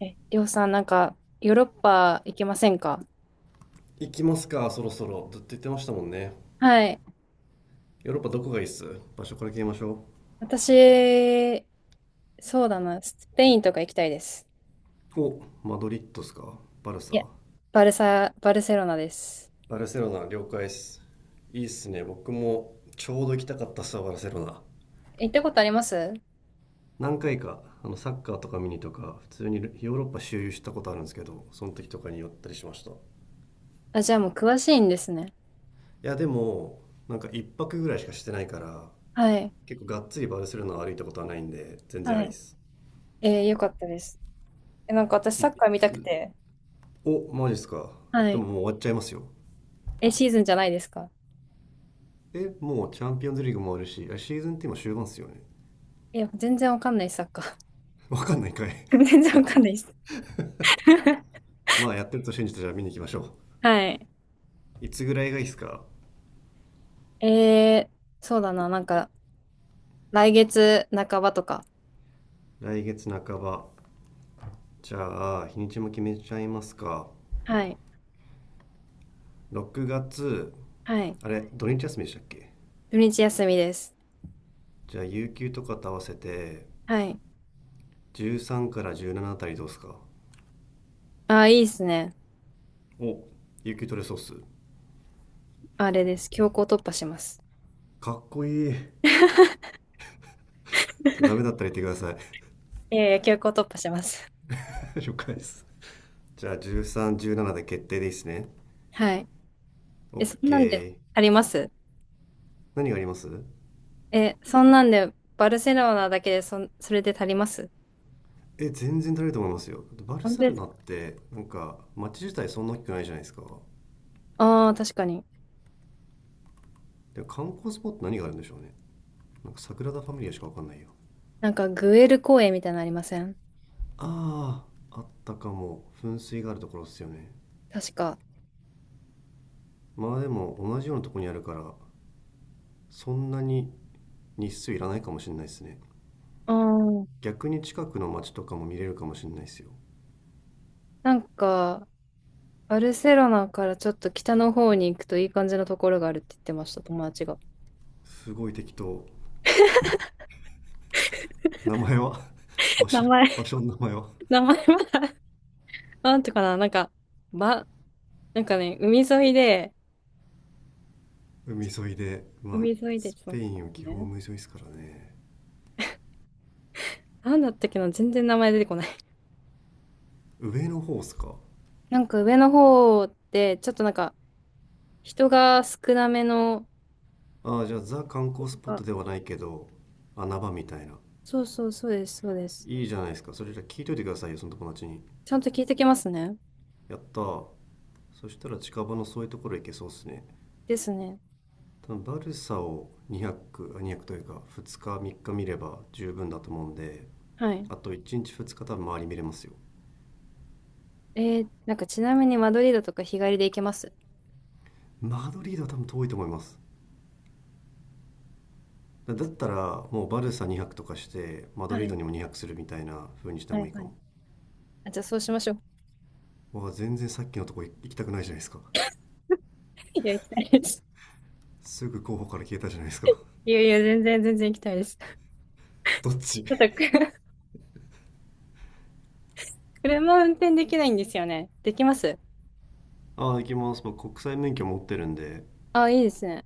え、りょうさん、なんか、ヨーロッパ行けませんか？行きますか？そろそろずっと言ってましたもんね。はい。ヨーロッパどこがいいっす？場所から決めましょ私、そうだな。スペインとか行きたいです。う。お、マドリッドっすか？バルいサ？や、バルサ、バルセロナです。バルセロナ了解っす。いいっすね、僕もちょうど行きたかったっすわ、バルセロナ。行ったことあります？何回かサッカーとか見にとか普通にヨーロッパ周遊したことあるんですけど、その時とかに寄ったりしました。いあ、じゃあもう詳しいんですね。や、でもなんか一泊ぐらいしかしてないから、はい。結構がっつりバルセロナを歩いたことはないんで全然あはりっい。す。よかったです。え、なんか私いサッカー見たくつ？て。お、マジっすか？はでもい。もう終わっちゃいますよ。え、シーズンじゃないですか？もうチャンピオンズリーグもあるし、シーズンって今終盤っすよね？ いや、全然わかんない、サッカー。わかんないかい。 全然わかん ないです。まあ、やってると信じて、じゃあ見に行きましょはい。う。いつぐらいがいいっすか？えー、そうだな、なんか、来月半ばとか、来月半ば。じゃあ日にちも決めちゃいますか？はい。6月。はい。あれ、土日休みでしたっけ？土日休みです。じゃあ有給とかと合わせて、はい。13から17あたりどうっすか？ああ、いいですね。お、有給取れそうっす。あれです。強行突破します。かっこいい。じゃあダメだったら言ってください。 いやいや、強行突破します。了解です。じゃあ1317で決定でいいっすね？ はい。オえ、ッそんなんでケー。足ります？何があります？え、そんなんで、バルセロナだけでそれで足ります？全然足りると思いますよ。バル本サ当でルすナか？ってなんか街自体そんな大きくないじゃないですか。ああー、確かに。でも観光スポット何があるんでしょうね。なんかサグラダ・ファミリアしか分かんないよ。なんか、グエル公園みたいなのありません？ああ、あったかも。噴水があるところっすよね？確か。まあでも同じようなとこにあるから、そんなに日数いらないかもしれないですね。うん。逆に近くの街とかも見れるかもしれないですよ。なんか、バルセロナからちょっと北の方に行くといい感じのところがあるって言ってました、友達が。すごい適当。名前は？ 場 名所。場前、所の名前は？名前は、なんていうかな、なんか、ば、なんかね、海沿いで、海沿いで、まあ、海沿いで、スちょっペと待インはっ基て本ね。海沿いですからね。なんだったっけな、全然名前出てこない。上の方っすか？なんか上の方って、ちょっとなんか人が少なめの、ああ、じゃあザ観光スポッあトではないけど、穴場みたいな。そうそうそうです、そうです。いいじゃないですか。それじゃあ聞いといてくださいよ、その友達に。ちゃんと聞いてきますね。やったー。そしたら近場のそういうところ行けそうっすね。ですね。多分バルサを200、あ200というか2日3日見れば十分だと思うんで、はい。あと1日2日多分周り見れますよ。なんかちなみにマドリードとか日帰りで行けます？マドリードは多分遠いと思います。だったらもうバルサ2泊とかしてマドはリードい。にも2泊するみたいな風にしたは方がいいいかはも。い。あ、じゃあそうしましょう。わあ、全然さっきのとこ行きたくないじゃないですか。 いや、行きたいです。すぐ候補から消えたじゃないですか。 いやいや、全然全然行きたいです。ち どっち ょ っとく 車運転できないんですよね。できます？ああ、行きます。僕国際免許持ってるんであ、いいですね。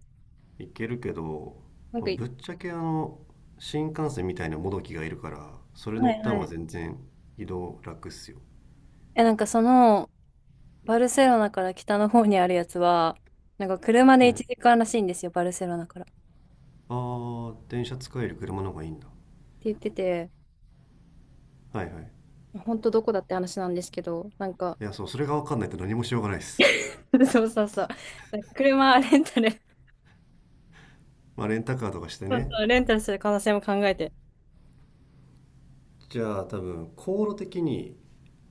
行けるけど、なんまかあい、ぶっちゃけ新幹線みたいなもどきがいるから、それは乗いった方はがい。全然移動楽っすよ、え、なんかその、バルセロナから北の方にあるやつは、なんか車ではい、あ1時間らしいんですよ、バルセロナから。ってあ、電車使える車の方がいいんだ。言ってて、はいはい。本当どこだって話なんですけど、なんか、いや、そう、それが分かんないと何もしようがないです。 そうそうそう。なんか車レンタル、まあレンタカーとかして そうね。そう、レンタルする可能性も考えて。じゃあ多分航路的に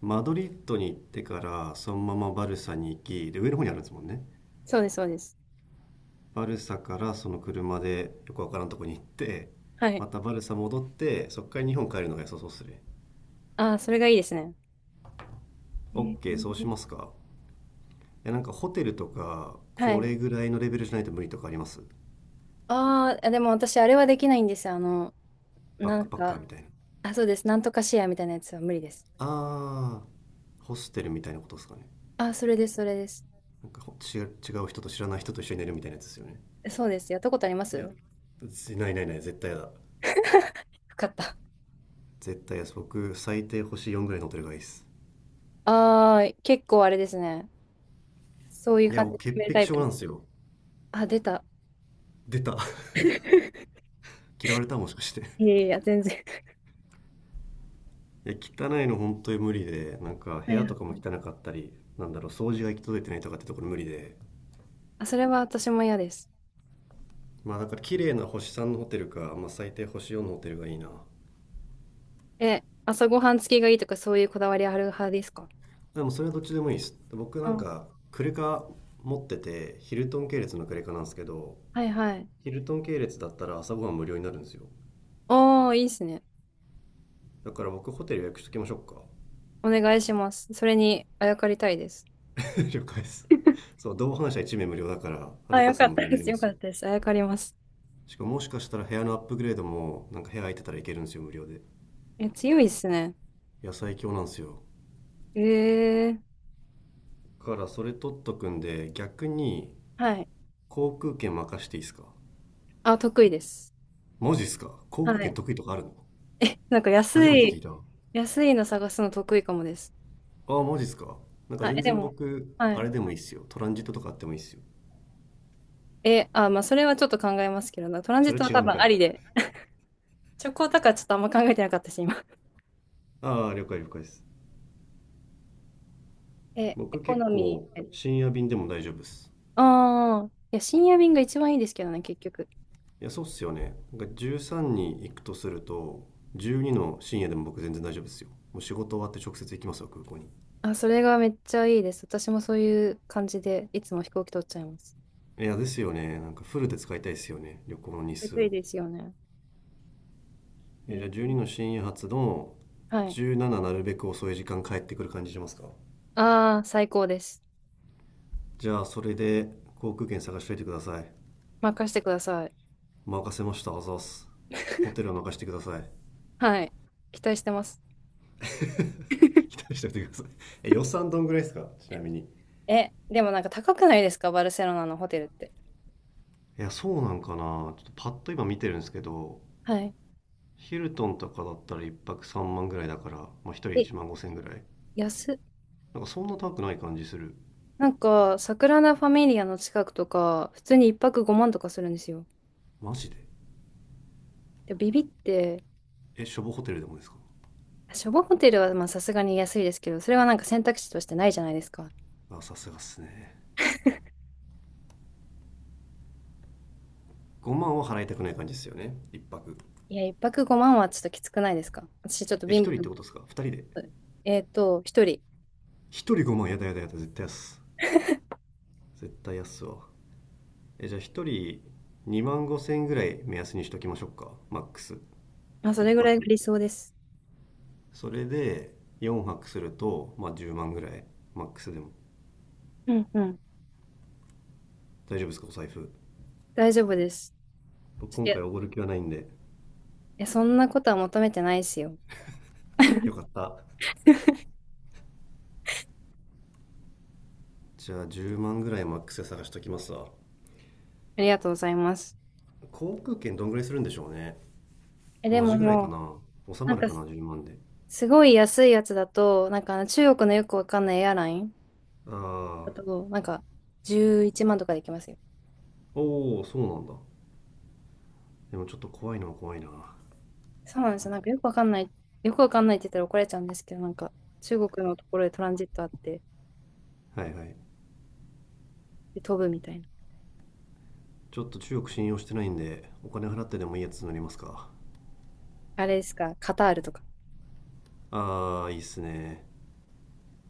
マドリッドに行ってからそのままバルサに行きで、上の方にあるんですもんね。そうです、そうです。バルサからその車でよくわからんとこに行って、はい。またバルサ戻ってそっから日本帰るのが良さそうっすね。 ああ、それがいいですね。え OK、 そうしまーすか？いやなんかホテルとかはこい。れぐらいのレベルじゃないと無理とかあります？ああ、でも私、あれはできないんですよ。あの、バッなクんパッカーか、みたいな。あ、そうです。なんとかシェアみたいなやつは無理です。あー、ホステルみたいなことですかね。あ、それです、それです。なんか違う人と、知らない人と一緒に寝るみたいなやつですよね。そうです。やったことありますいや、よ？ないないない、絶対やだ。かった。絶対です、僕最低星4ぐらいのってるがいいです。ああ、結構あれですね。そういういや、感じで僕決潔める癖タイプ症でなんす。ですよ。あ、出た。出た。 嫌われたもしかして。 いやいや、全然。いや、汚いの本当に無理で、なんかは部い屋はとかもい、汚かったり、なんだろう、掃除が行き届いてないとかってところ無理で、あ、それは私も嫌です。まあだから綺麗な星3のホテルか、まあ、最低星4のホテルがいいな。え、朝ごはん付きがいいとかそういうこだわりある派ですか？でもそれはどっちでもいいです。僕なんあ、かクレカ持っててヒルトン系列のクレカなんですけど、はいはい。ヒルトン系列だったら朝ごはん無料になるんですよ。おー、いいですね。だから僕ホテル予約しときましょうか。お願いします。それにあやかりたいです。了解です。そう、同伴者1名無料だから、はあ、るかよかさんっ無料たにでなりす。まよかすよ。ったです。あやかります。しかも、もしかしたら部屋のアップグレードも、なんか部屋空いてたらいけるんですよ、無料で。え、強いですね。野菜今日なんですよ。えー、だからそれ取っとくんで、逆にはい。航空券任していいですか？あ、得意です。マジっすか、航空は券い。得意とかあるの？え、なんか安初めてい、聞いた。あ安いの探すの得意かもです。あ、マジっすか。なんかはい。え全で然も、僕。はあい。れ、でもいいっすよ、トランジットとかあってもいいっすよ。え、あ、まあ、それはちょっと考えますけどな。トランジそッれトは違多うん分かあい。りで。チョコだからちょっとあんま考えてなかったし、今。ああ、了解了解です。え、エ僕コ結ノミ構ー。深夜便でも大丈夫っす。ああ、いや、深夜便が一番いいですけどね、結局。いや、そうっすよね。なんか13に行くとすると、12の深夜でも僕全然大丈夫ですよ。もう仕事終わって直接行きますよ、空港に。あ、それがめっちゃいいです。私もそういう感じで、いつも飛行機取っちゃいます。いやですよね、なんかフルで使いたいですよね、旅行の日これ数といいを。ですよね。えじゃあ、ー12の深夜発のはい。17、なるべく遅い時間帰ってくる感じしますか？ああ、最高です。じゃあそれで航空券探しといてください。任せてください。任せました、あざっす。ホテルは任してください。 はい。期待してます。期待しておいてください。予算どんぐらいですか、ちなみに。いえ、でもなんか高くないですかバルセロナのホテルって？や、そう、なんかな、ちょっとパッと今見てるんですけど、はい。ヒルトンとかだったら1泊3万ぐらいだから、まあ、1人え、1万5千ぐらい。安っ。なんかそんな高くない感じする。なんか、サグラダ・ファミリアの近くとか、普通に一泊5万とかするんですよ。マジで？で、ビビって、しょぼホテルでもですか？初号ホテルはまあさすがに安いですけど、それはなんか選択肢としてないじゃないですか。あ、さすがっすね。5万は払いたくない感じですよね、1泊。いや、一泊5万はちょっときつくないですか？私ちょっと貧1乏人っなてことでのすか？2人で1で。えっと、一人。人5万、やだやだやだ、絶対安、絶対安っすわ。じゃあ、1人2万5千ぐらい目安にしときましょうか、マックス。まあ、そ1れぐらいが泊理想です。それで4泊すると、まあ、10万ぐらい、マックスでも。うんうん。大丈夫ですか、お財布？大丈夫です。僕ちょっと、今回いおごる気はないんで。やそんなことは求めてないですよ。よかった。じゃあ10万ぐらいマックスで探しときますわ。ありがとうございます。航空券どんぐらいするんでしょうね。え、で同じもぐらいかもな、収う、なまんるか、かな10万で。すごい安いやつだと、なんかあの中国のよくわかんないエアラインだああ、と、なんか、11万とかできますよ。おお、そうなんだ。でもちょっと怖いのは怖いな、はそうなんですよ。なんかよくわかんない、よくわかんないって言ったら怒られちゃうんですけど、なんか中国のところでトランジットあって、いはい。で飛ぶみたいな。ちょっと中国信用してないんでお金払ってでもいいやつ乗りますか。あれですか、カタールとか。ああ、いいっすね。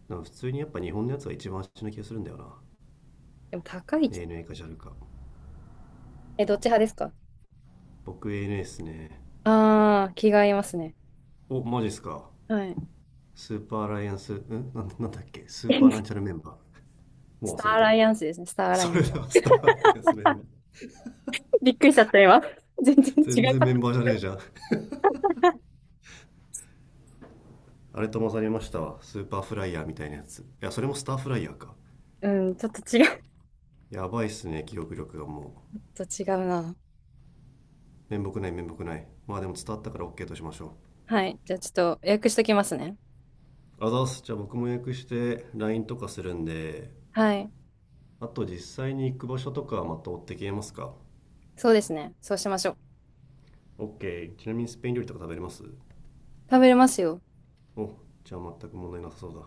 でも普通にやっぱ日本のやつは一番足な気がするんだよな。 でも高い。ANA か JAL か。え、どっち派ですか？僕 ANA っすね。ああー、気が合いますね。お、マジっすか。はい。スーパーアライアンス、なんなんだっけ、スーパーラ ンチャルメンバー。もスうタ忘ーれアたラわ。イアンスですね、スターアラそイアれンス。ではスターアライアンスメンバー。 びっくりしちゃった今。全然違全う然かメった。ンバーじゃねえじゃん。あれと混ざりましたわ、スーパーフライヤーみたいなやつ。いや、それもスターフライヤーか。うん、ちょっと違う。やばいっすね、記憶力がもう。ちょっと違うな。面目ない面目ない。まあでも伝わったから OK としましょ。はい。じゃあちょっと予約しときますね。あざっす。じゃあ僕も予約して LINE とかするんで、はい。あと実際に行く場所とかはまた追って消えますか？ そうですね。そうしましょう。OK、 ちなみにスペイン料理とか食べれます？食べれますよ。お、じゃあ全く問題なさそうだ。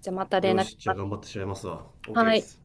じゃあまた連よ絡しし、じゃまあす。頑張ってしまいますわ。 OK はでい。す。